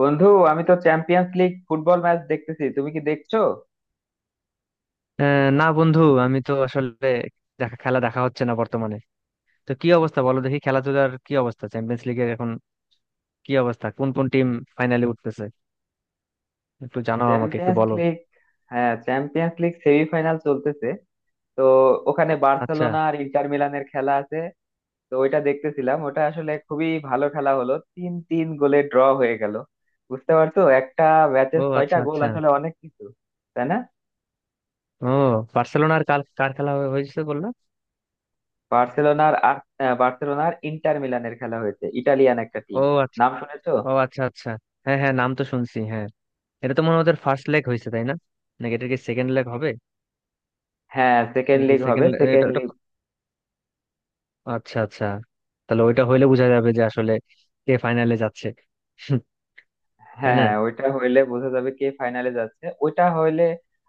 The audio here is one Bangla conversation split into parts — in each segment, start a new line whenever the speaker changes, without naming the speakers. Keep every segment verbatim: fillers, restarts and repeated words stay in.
বন্ধু, আমি তো চ্যাম্পিয়ন্স লিগ ফুটবল ম্যাচ দেখতেছি, তুমি কি দেখছো?
আহ, না বন্ধু, আমি তো আসলে দেখা খেলা দেখা হচ্ছে না বর্তমানে। তো কি অবস্থা, বলো দেখি? খেলাধুলার কি অবস্থা, চ্যাম্পিয়ন্স লিগের এখন কি অবস্থা? কোন কোন টিম ফাইনালে উঠতেছে, একটু জানাও আমাকে, একটু
চ্যাম্পিয়ন্স
বলো।
লিগ। হ্যাঁ, চ্যাম্পিয়ন্স লিগ সেমিফাইনাল চলতেছে। তো ওখানে
আচ্ছা।
বার্সেলোনা আর ইন্টার মিলানের খেলা আছে। তো ওইটা দেখতেছিলাম, ওটা আসলে খুবই ভালো খেলা হলো, তিন তিন গোলে ড্র হয়ে গেল। বুঝতে পারছো, একটা ম্যাচে
ও
ছয়টা
আচ্ছা
গোল
আচ্ছা।
আসলে অনেক কিছু, তাই না?
ও, বার্সেলোনার কার কার খেলা হয়ে- হয়েছে বললো?
বার্সেলোনার আর আহ, বার্সেলোনার ইন্টার মিলানের খেলা হয়েছে, ইটালিয়ান একটা
ও
টিম,
আচ্ছা।
নাম শুনেছো?
ও আচ্ছা আচ্ছা। হ্যাঁ হ্যাঁ, নাম তো শুনছি, হ্যাঁ। এটা তো মনে হয় ওদের ফার্স্ট লেগ হয়েছে, তাই না? নাকি এটা কি সেকেন্ড লেগ হবে?
হ্যাঁ, সেকেন্ড
নাকি
লিগ হবে,
সেকেন্ড। এটা
সেকেন্ড।
এটা আচ্ছা আচ্ছা। তাহলে ওইটা হইলে বোঝা যাবে যে আসলে কে ফাইনালে যাচ্ছে।
হ্যাঁ
তাই না?
হ্যাঁ, ওইটা হইলে বোঝা যাবে কে ফাইনালে যাচ্ছে, ওইটা হইলে।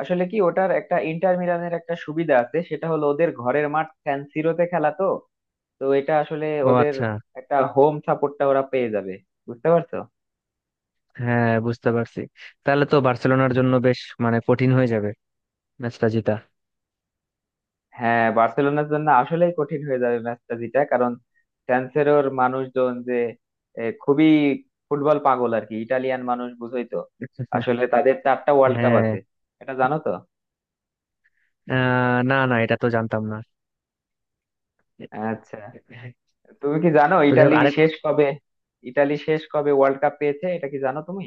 আসলে কি, ওটার একটা ইন্টার মিলানের একটা সুবিধা আছে, সেটা হলো ওদের ঘরের মাঠ সান সিরোতে খেলা তো তো এটা আসলে
ও
ওদের
আচ্ছা।
একটা হোম সাপোর্টটা ওরা পেয়ে যাবে, বুঝতে পারছো।
হ্যাঁ, বুঝতে পারছি। তাহলে তো বার্সেলোনার জন্য বেশ মানে কঠিন হয়ে যাবে ম্যাচটা জিতা।
হ্যাঁ, বার্সেলোনার জন্য আসলেই কঠিন হয়ে যাবে ম্যাচটা জিতা, কারণ সান সিরোর মানুষজন যে এ, খুবই ফুটবল পাগল, আর কি ইটালিয়ান মানুষ বুঝোই তো। আসলে তাদের চারটা ওয়ার্ল্ড কাপ আছে,
হ্যাঁ।
এটা জানো তো?
আহ, না না, এটা তো জানতাম না।
আচ্ছা, তুমি কি জানো
তো যাই হোক,
ইটালি
আরেক।
শেষ কবে, ইটালি শেষ কবে ওয়ার্ল্ড কাপ পেয়েছে, এটা কি জানো তুমি?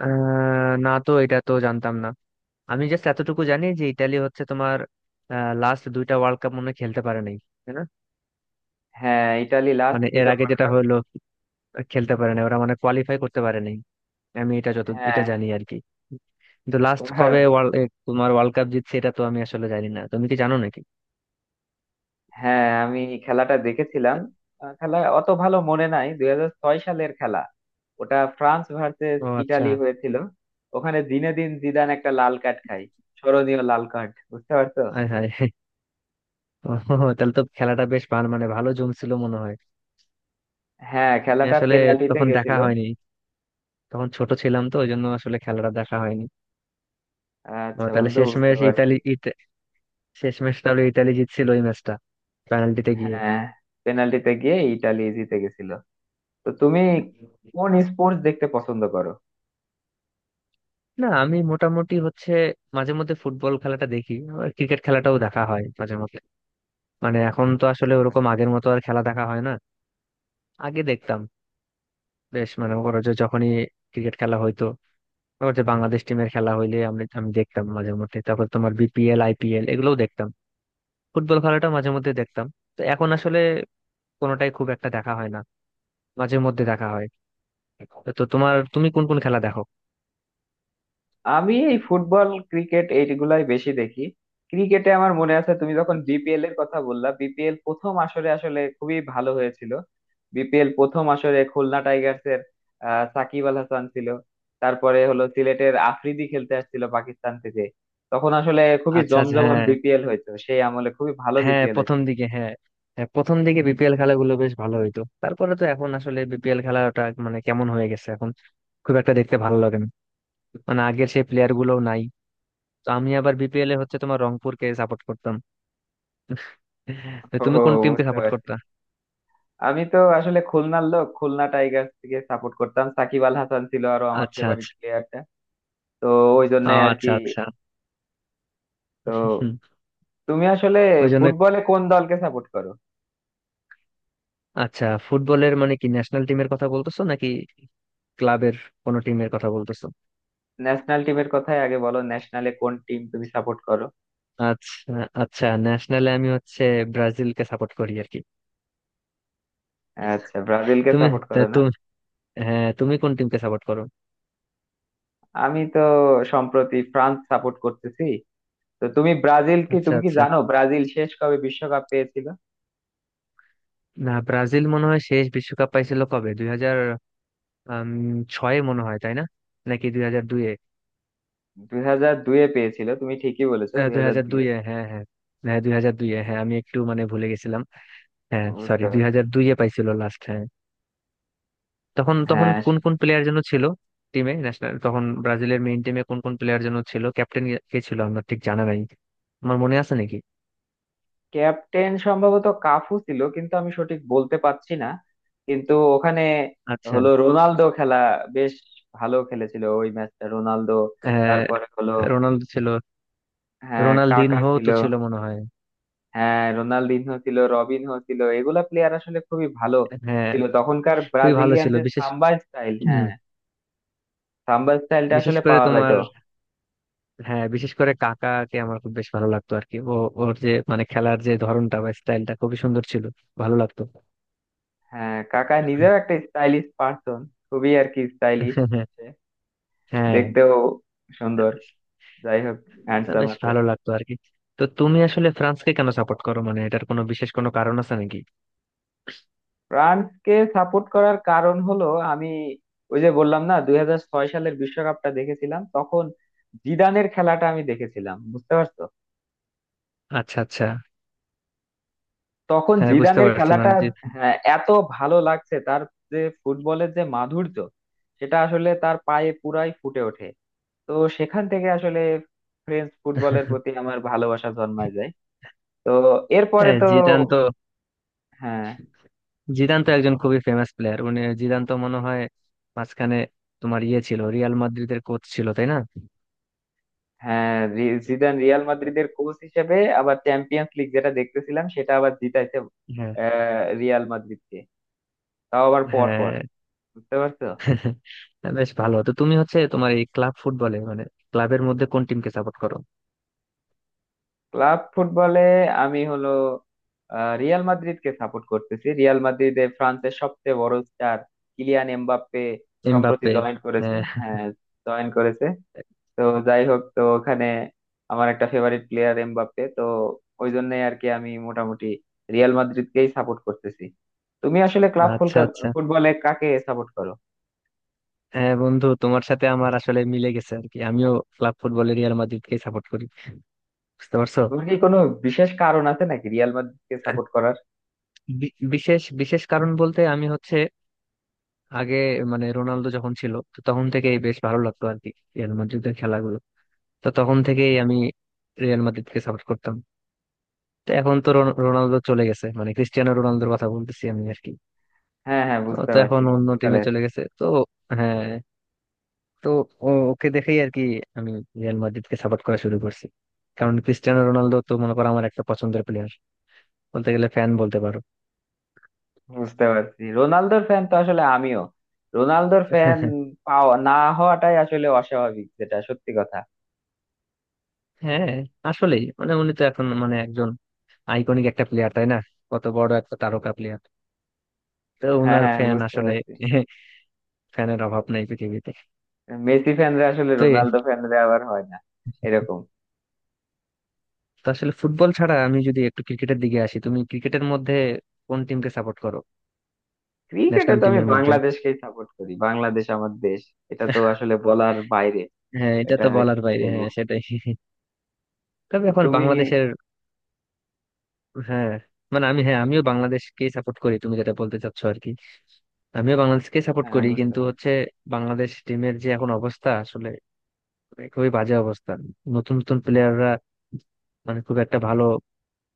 আহ, না তো, এটা তো জানতাম না। আমি জাস্ট এতটুকু জানি যে ইতালি হচ্ছে তোমার লাস্ট দুইটা ওয়ার্ল্ড কাপ মনে হয় খেলতে পারে নাই, তাই না?
হ্যাঁ, ইটালি লাস্ট
মানে এর
দুইটা
আগে
ওয়ার্ল্ড
যেটা
কাপ।
হলো, খেলতে পারে নাই ওরা, মানে কোয়ালিফাই করতে পারে নাই, আমি এটা যত
হ্যাঁ,
এটা জানি আর কি। কিন্তু লাস্ট
ওরা।
কবে ওয়ার্ল্ড, তোমার ওয়ার্ল্ড কাপ জিতছে, এটা তো আমি আসলে জানি না, তুমি কি জানো নাকি?
হ্যাঁ, আমি খেলাটা দেখেছিলাম। আহ, খেলা অত ভালো মনে নাই, দুই হাজার ছয় সালের খেলা, ওটা ফ্রান্স ভার্সেস
ও আচ্ছা।
ইটালি হয়েছিল। ওখানে জিনেদিন জিদান একটা লাল কার্ড খায়, স্মরণীয় লাল কার্ড, বুঝতে পারছো।
আয় হায়। ও, তাহলে তো খেলাটা বেশ ভালো মানে ভালো জমছিল মনে হয়।
হ্যাঁ,
আমি
খেলাটা
আসলে
পেনাল্টিতে
তখন দেখা
গেছিল।
হয়নি, তখন ছোট ছিলাম, তো ওই জন্য আসলে খেলাটা দেখা হয়নি। ও,
আচ্ছা
তাহলে
বন্ধু, বুঝতে
শেষমেশ
পারছি।
ইতালি ইত- শেষমেশ তাহলে ইতালি জিতছিল ওই ম্যাচটা, পেনাল্টিতে গিয়ে।
হ্যাঁ, পেনাল্টিতে গিয়ে ইটালি জিতে গেছিল। তো তুমি কোন স্পোর্টস দেখতে পছন্দ করো?
না, আমি মোটামুটি হচ্ছে মাঝে মধ্যে ফুটবল খেলাটা দেখি, আবার ক্রিকেট খেলাটাও দেখা হয় মাঝে মধ্যে। মানে এখন তো আসলে
বুঝতে
ওরকম
পারছি।
আগের মতো আর খেলা দেখা হয় না। আগে দেখতাম, বেশ মানে ওরা যে যখনই ক্রিকেট খেলা হইতো, ওর যে বাংলাদেশ টিমের খেলা হইলে আমি আমি দেখতাম মাঝে মধ্যে, তারপর তোমার বিপিএল আইপিএল এগুলোও দেখতাম, ফুটবল খেলাটা মাঝে মধ্যে দেখতাম। তো এখন আসলে কোনোটাই খুব একটা দেখা হয় না, মাঝে মধ্যে দেখা হয়। তো তোমার, তুমি কোন কোন খেলা দেখো?
আমি এই ফুটবল, ক্রিকেট এইগুলাই বেশি দেখি। ক্রিকেটে আমার মনে আছে, তুমি যখন বিপিএল এর কথা বললা, বিপিএল প্রথম আসরে আসলে খুবই ভালো হয়েছিল। বিপিএল প্রথম আসরে খুলনা টাইগার্স এর আহ, সাকিব আল হাসান ছিল। তারপরে হলো সিলেটের আফ্রিদি খেলতে আসছিল পাকিস্তান থেকে। তখন আসলে খুবই
আচ্ছা আচ্ছা।
জমজমাট
হ্যাঁ
বিপিএল হয়েছে, সেই আমলে খুবই ভালো
হ্যাঁ,
বিপিএল হয়েছে।
প্রথম দিকে হ্যাঁ। হ্যাঁ, প্রথম দিকে বিপিএল খেলাগুলো বেশ ভালো হইতো, তারপরে তো এখন আসলে বিপিএল খেলাটা মানে কেমন হয়ে গেছে এখন, খুব একটা দেখতে ভালো লাগে না। মানে আগের সেই প্লেয়ার গুলোও নাই। তো আমি আবার বিপিএল এ হচ্ছে তোমার রংপুরকে সাপোর্ট করতাম। তো
ও,
তুমি কোন টিমকে
বুঝতে
সাপোর্ট
পারছি।
করতা?
আমি তো আসলে খুলনার লোক, খুলনা টাইগার্স কে সাপোর্ট করতাম, সাকিব আল হাসান ছিল আরো আমার
আচ্ছা।
ফেভারিট প্লেয়ারটা। তো ওই জন্য
আহ,
আর কি।
আচ্ছা আচ্ছা।
তো
হুম।
তুমি আসলে
ওই জন্য।
ফুটবলে কোন দলকে সাপোর্ট করো?
আচ্ছা, ফুটবলের মানে কি ন্যাশনাল টিমের কথা বলতেছো নাকি ক্লাবের কোনো টিমের কথা বলতেছো?
ন্যাশনাল টিমের কথাই আগে বলো, ন্যাশনালে কোন টিম তুমি সাপোর্ট করো?
আচ্ছা আচ্ছা, ন্যাশনালে আমি হচ্ছে ব্রাজিলকে সাপোর্ট করি আর কি।
আচ্ছা, ব্রাজিলকে
তুমি
সাপোর্ট
তা
করো না।
তুমি হ্যাঁ, তুমি কোন টিমকে সাপোর্ট করো?
আমি তো সম্প্রতি ফ্রান্স সাপোর্ট করতেছি। তো তুমি ব্রাজিল কি,
আচ্ছা
তুমি কি
আচ্ছা।
জানো ব্রাজিল শেষ কবে বিশ্বকাপ পেয়েছিল?
না, ব্রাজিল মনে হয় শেষ বিশ্বকাপ পাইছিল কবে দুই হাজার ছয়ে মনে হয়, তাই না? নাকি দুই হাজার দুইয়ে?
দুই হাজার দুয়ে পেয়েছিল, তুমি ঠিকই বলেছো, দুই
দুই
হাজার
হাজার
দুয়ে
দুইয়ে হ্যাঁ হ্যাঁ। হ্যাঁ, দুই হাজার দুইয়ে, হ্যাঁ, আমি একটু মানে ভুলে গেছিলাম। হ্যাঁ, সরি,
বুঝতে
দুই
পারছি।
হাজার দুইয়ে পাইছিল লাস্ট। তখন তখন
হ্যাঁ,
কোন কোন প্লেয়ার যেন ছিল টিমে? ন্যাশনাল তখন ব্রাজিলের মেইন টিমে কোন কোন প্লেয়ার যেন ছিল? ক্যাপ্টেন কে ছিল আমার ঠিক জানা নাই, আমার মনে আছে নাকি?
ক্যাপ্টেন সম্ভবত কাফু ছিল, কিন্তু আমি সঠিক বলতে পারছি না। কিন্তু ওখানে
আচ্ছা।
হলো রোনালদো খেলা, বেশ ভালো খেলেছিল ওই ম্যাচটা রোনালদো।
হ্যাঁ,
তারপরে হলো,
রোনালদো ছিল।
হ্যাঁ কাকা
রোনালদিনহো
ছিল।
তো ছিল মনে হয়।
হ্যাঁ, রোনালদিনহো ছিল, রবিনহো ছিল, এগুলা প্লেয়ার আসলে খুবই ভালো
হ্যাঁ,
ছিল তখনকার
খুবই ভালো
ব্রাজিলিয়ান,
ছিল।
যে
বিশেষ।
সাম্বা স্টাইল,
হুম।
হ্যাঁ সাম্বা স্টাইলটা
বিশেষ
আসলে
করে
পাওয়া
তোমার,
যাইতো।
হ্যাঁ বিশেষ করে কাকাকে আমার খুব বেশ ভালো লাগতো আর কি। ও ওর যে মানে খেলার যে ধরনটা বা স্টাইলটা খুবই সুন্দর ছিল, ভালো লাগতো।
হ্যাঁ, কাকা নিজেও একটা স্টাইলিশ পার্সন, খুবই আর কি স্টাইলিশ,
হ্যাঁ।
দেখতেও
হ্যাঁ।
সুন্দর। যাই হোক,
তা
হ্যান্ডসাম।
বেশ ভালো লাগতো আর কি। তো তুমি আসলে ফ্রান্সকে কেন সাপোর্ট করো, মানে এটার কোনো বিশেষ কোনো কারণ আছে নাকি?
ফ্রান্সকে সাপোর্ট করার কারণ হলো, আমি ওই যে বললাম না, দুই হাজার ছয় সালের বিশ্বকাপটা দেখেছিলাম, তখন জিদানের খেলাটা আমি দেখেছিলাম, বুঝতে পারছো।
আচ্ছা আচ্ছা।
তখন
হ্যাঁ, বুঝতে
জিদানের
পারছি,
খেলাটা
মানে যে।
হ্যাঁ, এত ভালো লাগছে তার, যে ফুটবলের যে মাধুর্য সেটা আসলে তার পায়ে পুরাই ফুটে ওঠে। তো সেখান থেকে আসলে ফ্রেঞ্চ ফুটবলের প্রতি আমার ভালোবাসা জন্মায় যায়। তো এরপরে
হ্যাঁ,
তো
জিদান তো
হ্যাঁ
জিদান তো একজন খুবই ফেমাস প্লেয়ার, মানে জিদান তো মনে হয় মাঝখানে তোমার ইয়ে ছিল, রিয়াল মাদ্রিদের কোচ ছিল, তাই না?
হ্যাঁ, রি- জিদান রিয়াল মাদ্রিদের কোচ হিসেবে আবার চ্যাম্পিয়ন্স লিগ যেটা দেখতেছিলাম সেটা আবার জিতাইছে,
হ্যাঁ।
আহ, রিয়াল মাদ্রিদকে, তাও আবার পর পর,
হ্যাঁ।
বুঝতে পারছো।
বেশ ভালো। তো তুমি হচ্ছে তোমার এই ক্লাব ফুটবলে মানে ক্লাবের মধ্যে কোন টিমকে সাপোর্ট করো?
ক্লাব ফুটবলে আমি হলো আহ, রিয়াল মাদ্রিদকে সাপোর্ট করতেছি, রিয়াল মাদ্রিদে ফ্রান্সের সবচেয়ে বড় স্টার কিলিয়ান এমবাপ্পে সম্প্রতি
এমবাপ্পে।
জয়েন করেছে।
হ্যাঁ।
হ্যাঁ, জয়েন করেছে। তো যাই হোক, তো ওখানে আমার একটা ফেভারিট প্লেয়ার এমবাপ্পে, তো ওই জন্যই আর কি আমি মোটামুটি রিয়াল মাদ্রিদকেই সাপোর্ট করতেছি। তুমি আসলে ক্লাব
আচ্ছা আচ্ছা।
ফুটবলে কাকে সাপোর্ট করো?
হ্যাঁ বন্ধু, তোমার সাথে আমার আসলে মিলে গেছে আর কি, আমিও ক্লাব ফুটবলে রিয়াল মাদ্রিদকে সাপোর্ট করি, বুঝতে পারছো?
তোমার কি কোনো বিশেষ কারণ আছে নাকি রিয়াল মাদ্রিদকে সাপোর্ট করার?
বি- বিশেষ বিশেষ কারণ বলতে আমি হচ্ছে আগে, মানে রোনালদো যখন ছিল, তো তখন থেকেই বেশ ভালো লাগতো আর কি রিয়াল মাদ্রিদের খেলাগুলো, তো তখন থেকেই আমি রিয়াল মাদ্রিদকে সাপোর্ট করতাম। তো এখন তো রোন- রোনালদো চলে গেছে, মানে ক্রিস্টিয়ানো রোনালদোর কথা বলতেছি আমি আর কি।
হ্যাঁ হ্যাঁ,
তো
বুঝতে
তো
পারছি,
এখন অন্য টিমে
পর্তুগালের।
চলে গেছে। তো হ্যাঁ। তো ও- ওকে দেখেই আর কি আমি রিয়াল মাদ্রিদকে সাপোর্ট করা শুরু করছি। কারণ ক্রিস্টিয়ানো রোনালদো তো মনে করো আমার একটা পছন্দের প্লেয়ার, বলতে গেলে ফ্যান বলতে পারো।
বুঝতে পারছি, রোনালদোর ফ্যান তো আসলে আমিও রোনালদোর ফ্যান, পাওয়া না হওয়াটাই আসলে অস্বাভাবিক, যেটা সত্যি কথা।
হ্যাঁ, আসলেই মানে উনি তো এখন মানে একজন আইকনিক একটা প্লেয়ার, তাই না? কত বড় একটা তারকা প্লেয়ার, তো
হ্যাঁ
ওনার
হ্যাঁ,
ফ্যান
বুঝতে
আসলে।
পারছি।
ফ্যানের অভাব নাই পৃথিবীতে।
মেসি ফ্যানরা আসলে
তো এ-
রোনালদো ফ্যানরা আবার হয় না এরকম।
তো আসলে ফুটবল ছাড়া আমি যদি একটু ক্রিকেটের দিকে আসি, তুমি ক্রিকেটের মধ্যে কোন টিমকে সাপোর্ট করো?
ক্রিকেটে
ন্যাশনাল
তো আমি
টিমের মধ্যে।
বাংলাদেশকেই সাপোর্ট করি, বাংলাদেশ আমার দেশ, এটা তো আসলে বলার বাইরে।
হ্যাঁ, এটা
এটা
তো বলার
কি
বাইরে,
বলবো?
হ্যাঁ সেটাই। তবে
তো
এখন
তুমি।
বাংলাদেশের, হ্যাঁ, মানে আমি, হ্যাঁ আমিও বাংলাদেশকে সাপোর্ট করি তুমি যেটা বলতে চাচ্ছ আর কি, আমিও বাংলাদেশকে সাপোর্ট
হ্যাঁ,
করি,
বুঝতে
কিন্তু
পারছি।
হচ্ছে বাংলাদেশ টিমের যে এখন অবস্থা আসলে, মানে খুবই বাজে অবস্থা। নতুন নতুন প্লেয়াররা মানে খুব একটা ভালো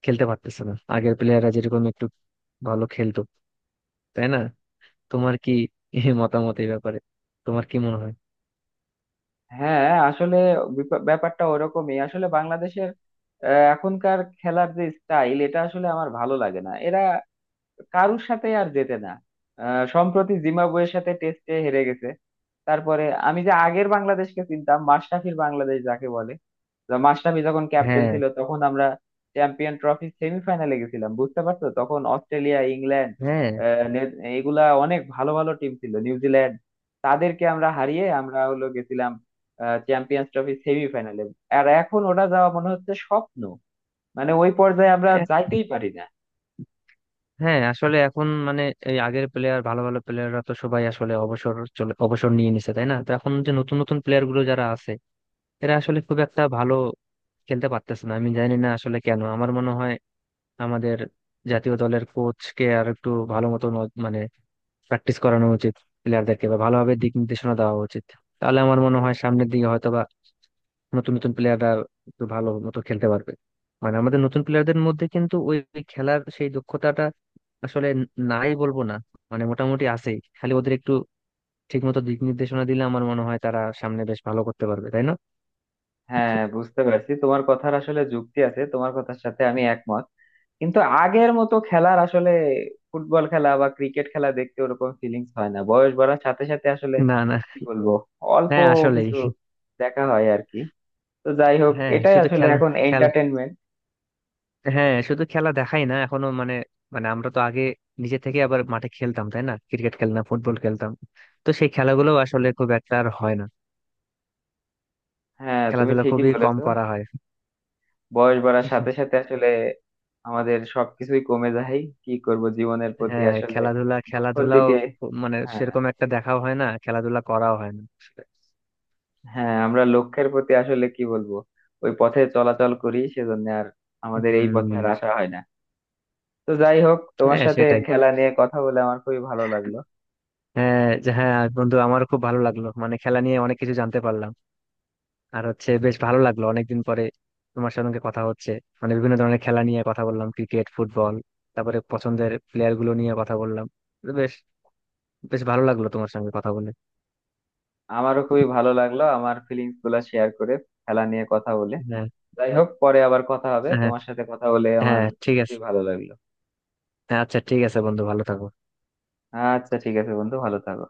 খেলতে পারতেছে না, আগের প্লেয়াররা যেরকম একটু ভালো খেলতো, তাই না? তোমার কি এই মতামত এই ব্যাপারে, তোমার কি মনে হয়?
হ্যাঁ আসলে বিপা- ব্যাপারটা ওরকমই আসলে। বাংলাদেশের আহ, এখনকার খেলার যে স্টাইল এটা আসলে আমার ভালো লাগে না, এরা কারুর সাথে আর জেতে না। আহ, সম্প্রতি জিম্বাবুয়ের সাথে টেস্টে হেরে গেছে। তারপরে, আমি যে আগের বাংলাদেশকে চিনতাম মাশরাফির বাংলাদেশ যাকে বলে, মাশরাফি যখন ক্যাপ্টেন
হ্যাঁ।
ছিল, তখন আমরা চ্যাম্পিয়ন ট্রফি সেমিফাইনালে গেছিলাম, বুঝতে পারছো। তখন অস্ট্রেলিয়া, ইংল্যান্ড,
হ্যাঁ।
আহ, নে- এগুলা অনেক ভালো ভালো টিম ছিল, নিউজিল্যান্ড, তাদেরকে আমরা হারিয়ে আমরা হলো গেছিলাম চ্যাম্পিয়ন্স ট্রফি সেমিফাইনালে। আর এখন ওটা যাওয়া মনে হচ্ছে স্বপ্ন, মানে ওই পর্যায়ে আমরা
এ-
যাইতেই পারি না।
হ্যাঁ আসলে এখন মানে এই আগের প্লেয়ার ভালো ভালো প্লেয়াররা তো সবাই আসলে অবসর চলে, অবসর নিয়ে নিছে, তাই না? তো এখন যে নতুন নতুন প্লেয়ার গুলো যারা আছে, এরা আসলে খুব একটা ভালো খেলতে পারতেছে না, আমি জানি না আসলে কেন। আমার মনে হয় আমাদের জাতীয় দলের কোচকে আর একটু ভালো মতো ন- মানে প্র্যাকটিস করানো উচিত প্লেয়ারদেরকে, বা ভালোভাবে দিক নির্দেশনা দেওয়া উচিত। তাহলে আমার মনে হয় সামনের দিকে হয়তো বা নতুন নতুন প্লেয়াররা একটু ভালো মতো খেলতে পারবে, মানে আমাদের নতুন প্লেয়ারদের মধ্যে কিন্তু ওই ওই খেলার সেই দক্ষতাটা আসলে ন- নাই বলবো না, মানে মোটামুটি আছেই, খালি ওদের একটু ঠিক মতো দিক নির্দেশনা দিলে আমার মনে হয় তারা সামনে বেশ ভালো করতে পারবে, তাই না?
হ্যাঁ, বুঝতে পারছি, তোমার কথার আসলে যুক্তি আছে, তোমার কথার সাথে আমি একমত। কিন্তু আগের মতো খেলার আসলে ফুটবল খেলা বা ক্রিকেট খেলা দেখতে ওরকম ফিলিংস হয় না, বয়স বাড়ার সাথে সাথে আসলে,
না না।
কি বলবো, অল্প
হ্যাঁ আসলে।
কিছু দেখা হয় আর কি। তো যাই হোক,
হ্যাঁ,
এটাই
শুধু
আসলে
খেলা।
এখন
খেলা।
এন্টারটেনমেন্ট।
হ্যাঁ, শুধু খেলা দেখাই না এখনো, মানে, মানে আমরা তো আগে নিজে থেকে আবার মাঠে খেলতাম, তাই না? ক্রিকেট খেলতাম, ফুটবল খেলতাম। তো সেই খেলাগুলো আসলে খুব একটা আর হয় না,
হ্যাঁ, তুমি
খেলাধুলা
ঠিকই
খুবই কম
বলেছো,
করা হয়।
বয়স বাড়ার সাথে সাথে আসলে আমাদের সবকিছুই কমে যায়, কি করব, জীবনের প্রতি
হ্যাঁ,
আসলে
খেলাধুলা,
লক্ষ্যের
খেলাধুলাও
দিকে।
খু- মানে
হ্যাঁ
সেরকম একটা দেখাও হয় না, খেলাধুলা করাও হয় না।
হ্যাঁ, আমরা লক্ষ্যের প্রতি আসলে কি বলবো, ওই পথে চলাচল করি, সেজন্য আর আমাদের এই পথে
হম।
আর আসা হয় না। তো যাই হোক, তোমার
হ্যাঁ
সাথে
সেটাই।
খেলা নিয়ে কথা বলে আমার খুবই ভালো লাগলো।
হ্যাঁ, যে- হ্যাঁ বন্ধু, আমারও খুব ভালো লাগলো, মানে খেলা নিয়ে অনেক কিছু জানতে পারলাম। আর হচ্ছে বেশ ভালো লাগলো অনেকদিন পরে তোমার সঙ্গে কথা হচ্ছে, মানে বিভিন্ন ধরনের খেলা নিয়ে কথা বললাম, ক্রিকেট, ফুটবল, তারপরে পছন্দের প্লেয়ার গুলো নিয়ে কথা বললাম। তো বেশ বেশ ভালো লাগলো তোমার সঙ্গে কথা বলে।
আমারও খুবই ভালো লাগলো আমার ফিলিংস গুলা শেয়ার করে খেলা নিয়ে কথা বলে।
হ্যাঁ।
যাই হোক, পরে আবার কথা হবে,
হ্যাঁ,
তোমার সাথে কথা বলে আমার
হ্যাঁ ঠিক
খুবই
আছে।
ভালো লাগলো।
হ্যাঁ, আচ্ছা ঠিক আছে বন্ধু, ভালো থাকো।
আচ্ছা ঠিক আছে বন্ধু, ভালো থাকো।